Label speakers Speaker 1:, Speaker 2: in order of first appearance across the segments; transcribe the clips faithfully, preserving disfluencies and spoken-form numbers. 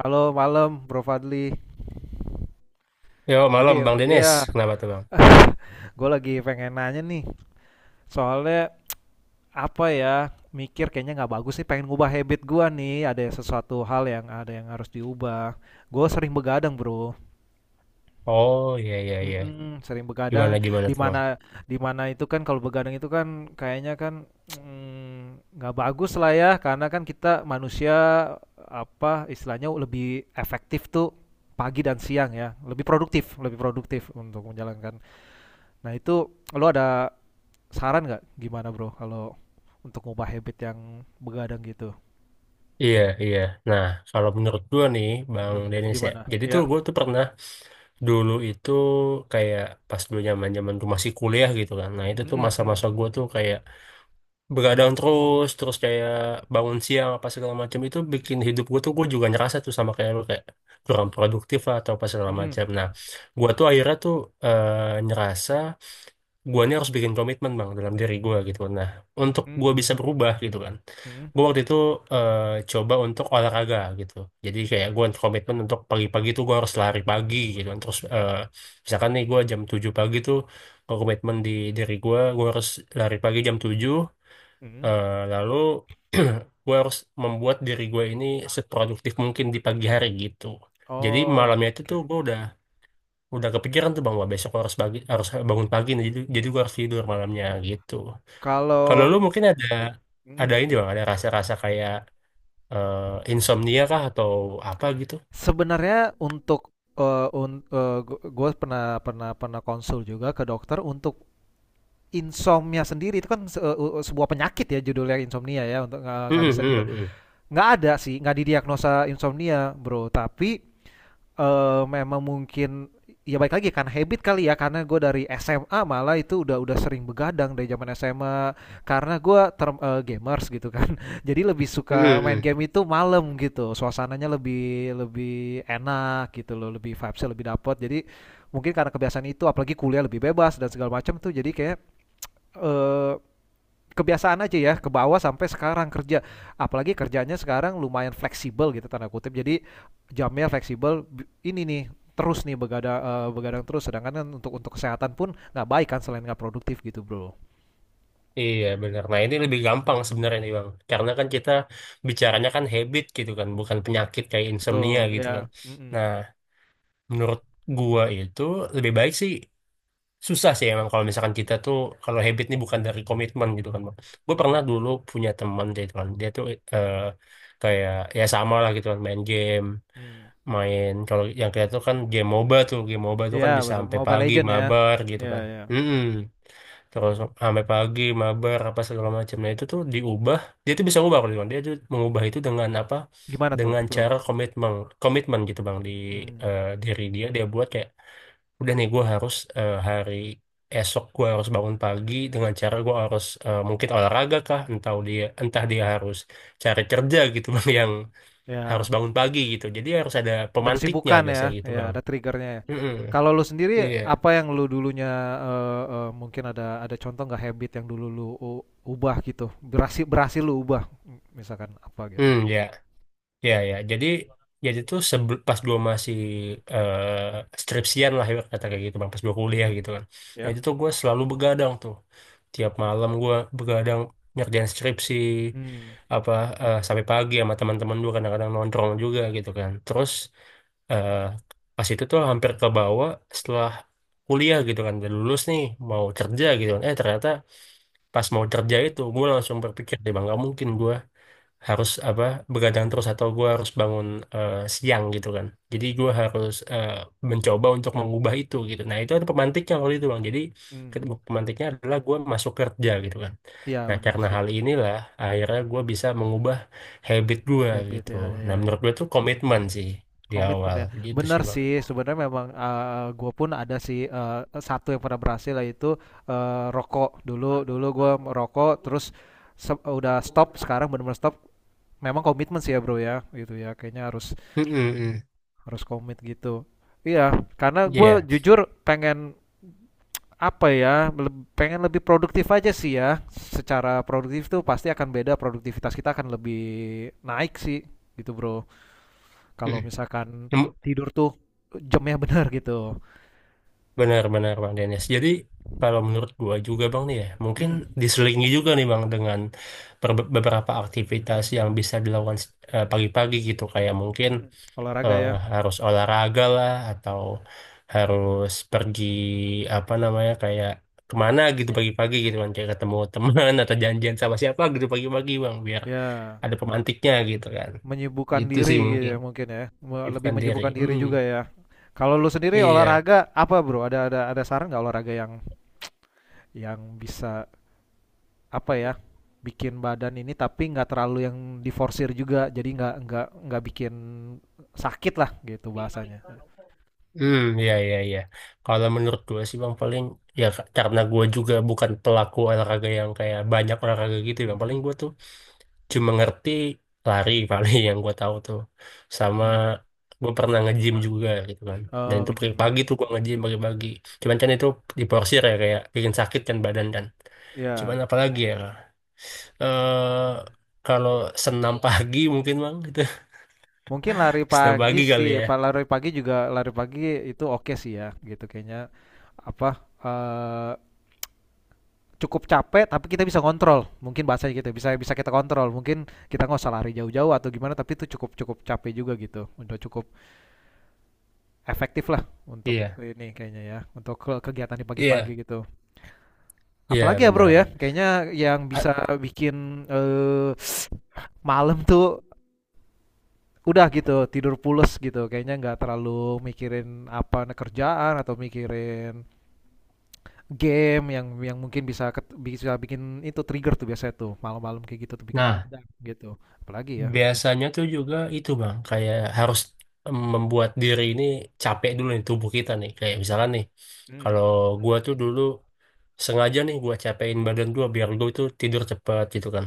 Speaker 1: Halo malam Bro Fadli.
Speaker 2: Yo, malam
Speaker 1: Fadil,
Speaker 2: Bang Denis.
Speaker 1: iya.
Speaker 2: Kenapa tuh Bang?
Speaker 1: Gue lagi pengen nanya nih. Soalnya apa ya? Mikir kayaknya nggak bagus sih. Pengen ngubah habit gua nih. Ada sesuatu hal yang ada yang harus diubah. Gue sering begadang Bro.
Speaker 2: Oh, iya, iya, iya.
Speaker 1: Mhm, sering
Speaker 2: Gimana,
Speaker 1: begadang,
Speaker 2: gimana
Speaker 1: di
Speaker 2: tuh Bang?
Speaker 1: mana di mana itu kan kalau begadang itu kan kayaknya kan, mmm, nggak bagus lah ya, karena kan kita manusia, apa, istilahnya lebih efektif tuh pagi dan siang ya, lebih produktif lebih produktif untuk menjalankan. Nah itu lo ada saran nggak gimana, Bro, kalau untuk ngubah habit yang begadang gitu?
Speaker 2: Iya, iya. Nah, kalau menurut gua nih, Bang
Speaker 1: Mhm,
Speaker 2: Denis ya.
Speaker 1: gimana?
Speaker 2: Jadi tuh
Speaker 1: Ya,
Speaker 2: gua tuh pernah dulu itu kayak pas dulu zaman zaman tuh masih kuliah gitu kan. Nah, itu tuh
Speaker 1: mhm mhm
Speaker 2: masa-masa gua tuh kayak begadang terus, terus kayak bangun siang apa segala macam itu bikin hidup gua tuh gua juga ngerasa tuh sama kayak lu kayak kurang produktif lah atau apa segala
Speaker 1: mhm,
Speaker 2: macam. Nah, gua tuh akhirnya tuh eh, ngerasa guanya harus bikin komitmen bang dalam diri gua gitu kan. Nah, untuk
Speaker 1: mhm,
Speaker 2: gua bisa berubah gitu kan,
Speaker 1: mhm
Speaker 2: gua waktu itu eh, coba untuk olahraga gitu. Jadi kayak gua komitmen untuk pagi-pagi tuh gua harus lari pagi gitu kan. Terus eh, misalkan nih gua jam tujuh pagi tuh gua komitmen di diri gua gua harus lari pagi jam tujuh.
Speaker 1: mhm.
Speaker 2: Eh, lalu gua harus membuat diri gua ini seproduktif mungkin di pagi hari gitu. Jadi
Speaker 1: Oh,
Speaker 2: malamnya itu tuh
Speaker 1: oke.
Speaker 2: gua udah udah kepikiran tuh bang, wah besok gua harus pagi, harus bangun pagi nih, jadi jadi gua harus tidur malamnya gitu. Kalau
Speaker 1: Kalau
Speaker 2: lu mungkin ada
Speaker 1: mhm,
Speaker 2: ada ini
Speaker 1: gimana?
Speaker 2: bang, ada rasa-rasa kayak eh, insomnia kah atau apa gitu.
Speaker 1: Sebenarnya untuk eee, un eee, gu gue pernah pernah pernah konsul juga ke dokter untuk insomnia sendiri itu kan se eee, sebuah penyakit ya judulnya insomnia ya untuk nggak nggak
Speaker 2: Hmm,
Speaker 1: bisa tidur.
Speaker 2: hmm, hmm.
Speaker 1: Nggak ada sih, nggak didiagnosa insomnia, Bro, tapi eh memang mungkin ya baik lagi kan habit kali ya, karena gue dari S M A malah itu udah udah sering begadang dari zaman S M A, karena gue term eh, gamers gitu kan jadi lebih
Speaker 2: Hmm,
Speaker 1: suka main
Speaker 2: hmm.
Speaker 1: game itu malam gitu suasananya lebih lebih enak gitu loh, lebih vibesnya lebih dapet jadi mungkin karena kebiasaan itu, apalagi kuliah lebih bebas dan segala macam tuh jadi kayak eh kebiasaan aja ya ke bawah sampai sekarang kerja, apalagi kerjanya sekarang lumayan fleksibel gitu tanda kutip, jadi jamnya fleksibel ini nih, terus nih begadang, uh, begadang terus, sedangkan kan untuk untuk kesehatan pun nggak baik kan, selain nggak produktif gitu bro.
Speaker 2: Iya benar. Nah, ini lebih gampang sebenarnya nih Bang. Karena kan kita bicaranya kan habit gitu kan, bukan penyakit kayak insomnia
Speaker 1: Betul
Speaker 2: gitu
Speaker 1: ya.
Speaker 2: kan. Nah,
Speaker 1: Mm-mm.
Speaker 2: menurut gua itu lebih baik sih, susah sih emang kalau misalkan kita tuh, kalau habit ini bukan dari komitmen gitu kan bang. Gue pernah
Speaker 1: Mm-mm.
Speaker 2: dulu punya teman gitu kan, dia tuh eh, kayak ya sama lah gitu kan, main game,
Speaker 1: Mm.
Speaker 2: main kalau yang kayak tuh kan game MOBA tuh, game MOBA tuh
Speaker 1: Ya
Speaker 2: kan bisa
Speaker 1: betul,
Speaker 2: sampai
Speaker 1: Mobile
Speaker 2: pagi
Speaker 1: Legend ya,
Speaker 2: mabar gitu
Speaker 1: ya
Speaker 2: kan.
Speaker 1: ya.
Speaker 2: Mm-mm.
Speaker 1: Mm.
Speaker 2: Terus sampai pagi mabar apa segala macamnya itu tuh diubah, dia tuh bisa ubah kalau gitu kan. Dia tuh mengubah itu dengan apa,
Speaker 1: Gimana tuh
Speaker 2: dengan
Speaker 1: bro?
Speaker 2: cara komitmen, komitmen gitu bang di
Speaker 1: Mm.
Speaker 2: eh, diri dia. Dia buat kayak udah nih gue harus eh, hari esok gue harus bangun pagi, dengan cara gue harus eh, mungkin olahraga kah, entah dia entah dia harus cari kerja gitu bang yang harus
Speaker 1: Ya.
Speaker 2: bangun pagi gitu, jadi harus ada
Speaker 1: Ada
Speaker 2: pemantiknya
Speaker 1: kesibukan ya,
Speaker 2: biasanya gitu
Speaker 1: ya
Speaker 2: bang.
Speaker 1: ada triggernya ya.
Speaker 2: Mm-mm.
Speaker 1: Kalau lu sendiri
Speaker 2: Iya.
Speaker 1: apa yang lu dulunya, eee eee, mungkin ada ada contoh nggak habit yang dulu lu u ubah gitu, berhasil berhasil lu ubah, m misalkan apa gitu?
Speaker 2: Hmm, ya, ya, ya, jadi jadi tuh sebel, pas gue masih eh, skripsian lah ya, kata kayak gitu bang, pas gue kuliah
Speaker 1: Mhm,
Speaker 2: gitu kan. Nah itu
Speaker 1: ya?
Speaker 2: tuh gue selalu begadang tuh, tiap malam gue begadang ngerjain skripsi
Speaker 1: Hmm.
Speaker 2: apa eh, sampai pagi sama teman-teman gue, kadang-kadang nongkrong juga gitu kan. Terus eh, pas itu tuh hampir ke bawah setelah kuliah gitu kan, udah lulus nih mau kerja gitu kan, eh ternyata pas mau kerja itu gue langsung berpikir deh bang, gak mungkin gue harus apa begadang terus atau gue harus bangun eh, siang gitu kan. Jadi gue harus eh, mencoba untuk mengubah itu gitu. Nah itu ada pemantiknya waktu itu bang, jadi
Speaker 1: Mhm,
Speaker 2: ketemu- pemantiknya adalah gue masuk kerja gitu kan.
Speaker 1: iya
Speaker 2: Nah
Speaker 1: bener
Speaker 2: karena
Speaker 1: sih,
Speaker 2: hal inilah akhirnya gue bisa mengubah habit gue
Speaker 1: habit
Speaker 2: gitu.
Speaker 1: ya.
Speaker 2: Nah
Speaker 1: Ya ya,
Speaker 2: menurut gue tuh komitmen sih di awal
Speaker 1: komitmen ya.
Speaker 2: gitu sih
Speaker 1: Bener
Speaker 2: bang.
Speaker 1: sih sebenarnya memang, eee, gua pun ada sih, eee, e satu yang pernah berhasil yaitu, eee, rokok. Dulu dulu gua merokok terus sep udah stop, sekarang benar-benar stop. Memang komitmen sih ya bro ya gitu ya, kayaknya harus
Speaker 2: Mm-mm-mm.
Speaker 1: harus komit gitu. Iya, karena gue
Speaker 2: Iya.
Speaker 1: jujur pengen, apa ya leb- pengen lebih produktif aja sih ya, secara produktif tuh pasti akan beda, produktivitas kita akan lebih naik sih gitu bro, kalau
Speaker 2: Mm-mm.
Speaker 1: misalkan tidur tuh jamnya benar gitu.
Speaker 2: Benar-benar Bang Dennis. Jadi kalau menurut gua juga Bang nih ya, mungkin
Speaker 1: Mm-mm.
Speaker 2: diselingi juga nih Bang dengan per- beberapa aktivitas yang bisa dilakukan eh, pagi-pagi gitu. Kayak mungkin
Speaker 1: Mm-mm. Olahraga
Speaker 2: eh,
Speaker 1: ya.
Speaker 2: harus olahraga lah, atau harus pergi apa namanya kayak kemana gitu pagi-pagi gitu kan. Kayak ketemu teman atau janjian sama siapa gitu pagi-pagi Bang, biar
Speaker 1: Ya,
Speaker 2: ada pemantiknya gitu kan.
Speaker 1: menyibukkan
Speaker 2: Gitu
Speaker 1: diri
Speaker 2: sih
Speaker 1: gitu
Speaker 2: mungkin.
Speaker 1: ya mungkin ya. Me- lebih
Speaker 2: Bukan diri.
Speaker 1: menyibukkan diri juga
Speaker 2: Mm-mm.
Speaker 1: ya. Kalau lu sendiri
Speaker 2: Iya.
Speaker 1: olahraga apa bro, ada ada ada saran nggak olahraga yang yang bisa, apa ya, bikin badan ini tapi nggak terlalu yang diforsir juga, jadi nggak nggak nggak bikin sakit lah gitu bahasanya.
Speaker 2: Hmm, ya, ya, ya. Kalau menurut gue sih bang, paling ya ka- karena gue juga bukan pelaku olahraga yang kayak banyak olahraga gitu ya, bang. Paling
Speaker 1: Mhm.
Speaker 2: gue tuh cuma ngerti lari paling yang gue tahu tuh. Sama
Speaker 1: Hmm.
Speaker 2: gue pernah nge-gym juga gitu kan. Dan
Speaker 1: Oh
Speaker 2: itu
Speaker 1: nge-gym ya.
Speaker 2: pagi-pagi tuh gue nge-gym pagi-pagi. Cuman kan itu diporsir ya, kayak bikin sakit kan badan kan. Cuman
Speaker 1: Ya,
Speaker 2: apalagi ya. Eh kalau senam pagi mungkin bang gitu.
Speaker 1: mungkin lari
Speaker 2: Senam
Speaker 1: pagi
Speaker 2: pagi kali
Speaker 1: sih pak,
Speaker 2: ya.
Speaker 1: lari pagi juga, lari pagi itu oke sih ya gitu kayaknya, apa, eh cukup capek tapi kita bisa kontrol mungkin bahasanya gitu, bisa bisa kita kontrol mungkin, kita nggak usah lari jauh-jauh atau gimana, tapi itu cukup cukup capek juga gitu, udah cukup efektif lah untuk
Speaker 2: Iya.
Speaker 1: ini kayaknya ya, untuk ke kegiatan di pagi-pagi
Speaker 2: Iya,
Speaker 1: gitu.
Speaker 2: iya
Speaker 1: Apalagi ya Bro
Speaker 2: benar.
Speaker 1: ya, kayaknya yang
Speaker 2: A-
Speaker 1: bisa bikin, eee, malam tuh udah gitu, tidur pules gitu, kayaknya nggak terlalu mikirin apa, kerjaan atau mikirin game yang yang mungkin bisa ket bisa bikin itu trigger tuh biasanya tuh, malam-malam kayak gitu tuh bikin
Speaker 2: Nah,
Speaker 1: begadang gitu, apalagi ya?
Speaker 2: Biasanya tuh juga itu bang, kayak harus mmm, membuat diri ini capek dulu nih tubuh kita nih. Kayak misalnya nih,
Speaker 1: Hmm,
Speaker 2: kalau gua tuh dulu sengaja nih gua capein badan gua biar gua tuh tidur cepat gitu kan.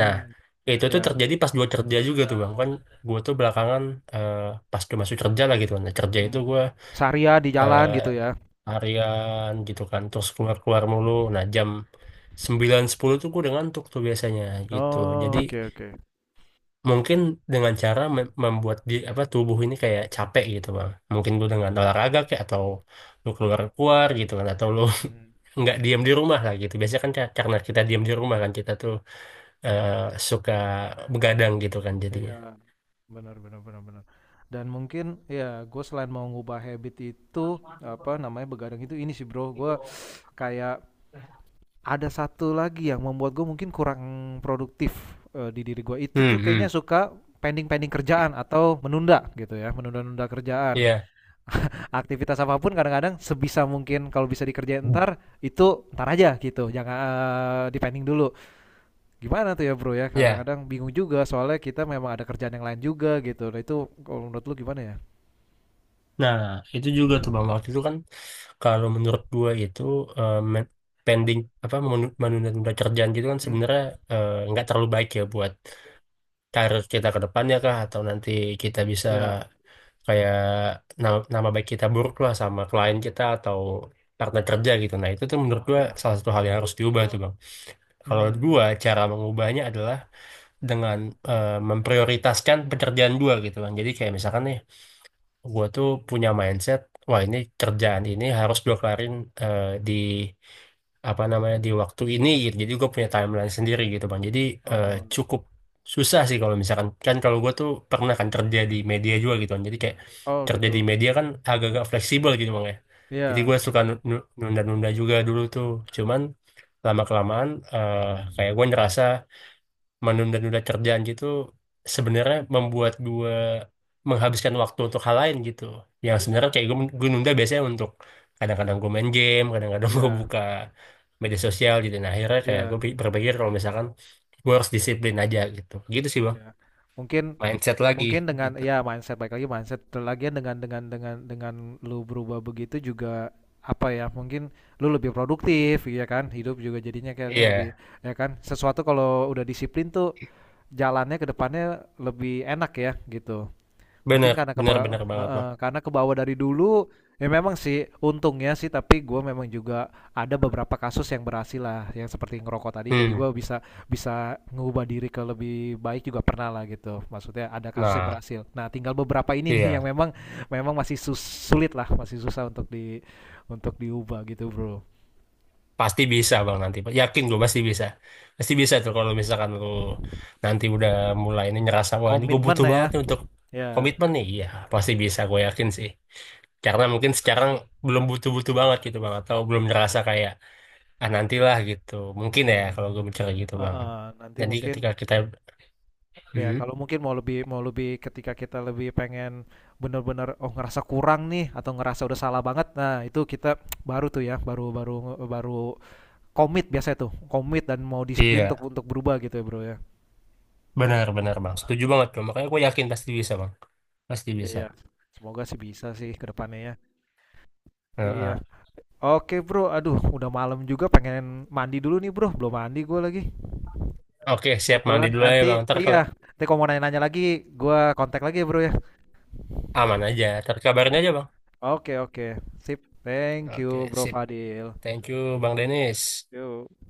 Speaker 2: Nah itu tuh
Speaker 1: ya,
Speaker 2: terjadi pas gua kerja juga tuh bang kan. Gua tuh belakangan eh, pas gua masuk kerja lah gitu kan. Nah, kerja itu
Speaker 1: mmm.
Speaker 2: gua
Speaker 1: Seharian di
Speaker 2: eh,
Speaker 1: jalan gitu ya?
Speaker 2: harian gitu kan, terus keluar keluar mulu. Nah jam sembilan sepuluh tuh gua udah ngantuk tuh biasanya gitu.
Speaker 1: Oh,
Speaker 2: Jadi
Speaker 1: oke oke,
Speaker 2: mungkin dengan cara mem- membuat di apa tubuh ini kayak capek gitu bang. Mungkin lu dengan olahraga kayak, atau lu keluar keluar gitu kan, atau lu
Speaker 1: mmm.
Speaker 2: nggak diam di rumah lah gitu. Biasanya kan ka- karena kita diam di rumah, kan kita tuh eh, suka begadang gitu kan jadinya.
Speaker 1: Iya, benar benar benar benar. Dan mungkin ya gue selain mau ngubah habit itu, apa namanya, begadang itu, ini sih bro, gue kayak ada satu lagi yang membuat gue mungkin kurang produktif, eh, di diri gue itu tuh
Speaker 2: Hmm, hmm,
Speaker 1: kayaknya suka pending-pending kerjaan atau menunda gitu ya, menunda-nunda kerjaan.
Speaker 2: iya,
Speaker 1: Aktivitas apapun kadang-kadang sebisa mungkin kalau bisa dikerjain
Speaker 2: Hmm.
Speaker 1: ntar, itu ntar aja gitu, jangan eh, dipending dulu. Gimana tuh ya Bro ya,
Speaker 2: Iya.
Speaker 1: kadang-kadang bingung juga soalnya kita memang ada kerjaan yang lain juga gitu. Nah itu kalau menurut lu gimana ya?
Speaker 2: Nah, itu juga tuh bang waktu itu kan, kalau menurut gua itu eh, men- pending apa menunda-nunda kerjaan gitu kan,
Speaker 1: Mmm,
Speaker 2: sebenarnya eh, nggak terlalu baik ya buat karir kita ke depannya kah, atau nanti kita bisa
Speaker 1: ya
Speaker 2: kayak nama, nama baik kita buruk lah sama klien kita atau partner kerja gitu. Nah, itu tuh menurut gua
Speaker 1: iya,
Speaker 2: salah satu hal yang harus diubah tuh, Bang. Kalau
Speaker 1: mmm,
Speaker 2: gua cara mengubahnya adalah dengan eh, memprioritaskan pekerjaan gua gitu, Bang. Jadi kayak misalkan nih gue tuh punya mindset, wah ini kerjaan ini harus gue kelarin eh, di apa namanya di waktu ini gitu. Jadi gue punya timeline sendiri gitu bang. Jadi eh,
Speaker 1: oh,
Speaker 2: cukup susah sih kalau misalkan kan, kalau gue tuh pernah kan kerja di media juga gitu kan. Jadi kayak
Speaker 1: oh
Speaker 2: kerja di
Speaker 1: gitu,
Speaker 2: media kan agak-agak fleksibel gitu bang ya. Jadi
Speaker 1: ya
Speaker 2: gue suka nu- nu- nunda-nunda juga dulu tuh. Cuman lama kelamaan kayak gue ngerasa menunda-nunda kerjaan gitu sebenarnya membuat gue menghabiskan waktu untuk hal lain gitu, yang sebenarnya kayak gue, gue nunda biasanya untuk kadang-kadang gue main game, kadang-kadang gue
Speaker 1: ya
Speaker 2: buka media sosial gitu. Nah akhirnya kayak
Speaker 1: ya
Speaker 2: gue pi- berpikir kalau misalkan gue harus disiplin aja gitu, gitu sih bang,
Speaker 1: ya. Mungkin
Speaker 2: mindset lagi
Speaker 1: mungkin dengan
Speaker 2: gitu.
Speaker 1: ya mindset, baik lagi mindset, lagian dengan dengan dengan dengan lu berubah begitu juga, apa ya, mungkin lu lebih produktif ya kan, hidup juga jadinya kayaknya lebih,
Speaker 2: Iya
Speaker 1: ya kan, sesuatu kalau udah disiplin tuh jalannya ke depannya lebih enak ya gitu. Mungkin
Speaker 2: bener
Speaker 1: karena
Speaker 2: bener
Speaker 1: kepa
Speaker 2: bener banget bang.
Speaker 1: Heeh, karena kebawa dari dulu, ya memang sih untungnya sih, tapi gue memang juga ada beberapa kasus yang berhasil lah, yang seperti ngerokok tadi, jadi gue
Speaker 2: Hmm,
Speaker 1: bisa bisa ngubah diri ke lebih baik juga pernah lah gitu, maksudnya ada kasus yang
Speaker 2: nah
Speaker 1: berhasil. Nah tinggal beberapa ini nih yang
Speaker 2: iya.
Speaker 1: memang memang masih sus sulit lah, masih susah untuk di untuk diubah gitu Bro.
Speaker 2: Pasti bisa bang nanti. Yakin gue pasti bisa. Pasti bisa tuh kalau misalkan lu nanti udah mulai ini ngerasa wah ini gue
Speaker 1: Komitmen
Speaker 2: butuh
Speaker 1: lah ya.
Speaker 2: banget nih untuk
Speaker 1: Ya.
Speaker 2: komitmen nih. Iya pasti bisa, gue yakin sih. Karena mungkin sekarang belum butuh-butuh banget gitu bang, atau belum ngerasa kayak ah nantilah gitu. Mungkin
Speaker 1: Iya,
Speaker 2: ya kalau gue bicara gitu bang.
Speaker 1: heeh, nanti
Speaker 2: Jadi
Speaker 1: mungkin.
Speaker 2: ketika kita
Speaker 1: Ya,
Speaker 2: Hmm.
Speaker 1: kalau mungkin mau lebih, mau lebih ketika kita lebih pengen bener-bener oh ngerasa kurang nih, atau ngerasa udah salah banget. Nah, itu kita baru tuh ya, baru baru baru komit biasanya tuh. Komit dan mau disiplin untuk
Speaker 2: Iya
Speaker 1: untuk berubah gitu ya, Bro ya.
Speaker 2: benar-benar bang. Setuju banget tuh. Makanya gue yakin pasti bisa bang. Pasti bisa.
Speaker 1: Iya. Semoga sih bisa sih ke depannya ya. Iya.
Speaker 2: Heeh.
Speaker 1: Oke, Bro. Aduh, udah malam juga, pengen mandi dulu nih, Bro. Belum mandi gue lagi.
Speaker 2: Oke siap, mandi
Speaker 1: Kebetulan
Speaker 2: dulu aja
Speaker 1: nanti,
Speaker 2: bang. Ntar
Speaker 1: iya,
Speaker 2: kalau
Speaker 1: nanti kalau mau nanya-nanya lagi gue kontak lagi ya, Bro ya.
Speaker 2: aman aja. Ntar kabarin aja bang.
Speaker 1: Oke, oke. Sip. Thank you,
Speaker 2: Oke
Speaker 1: Bro
Speaker 2: sip.
Speaker 1: Fadil.
Speaker 2: Thank you Bang Denis.
Speaker 1: Yuk.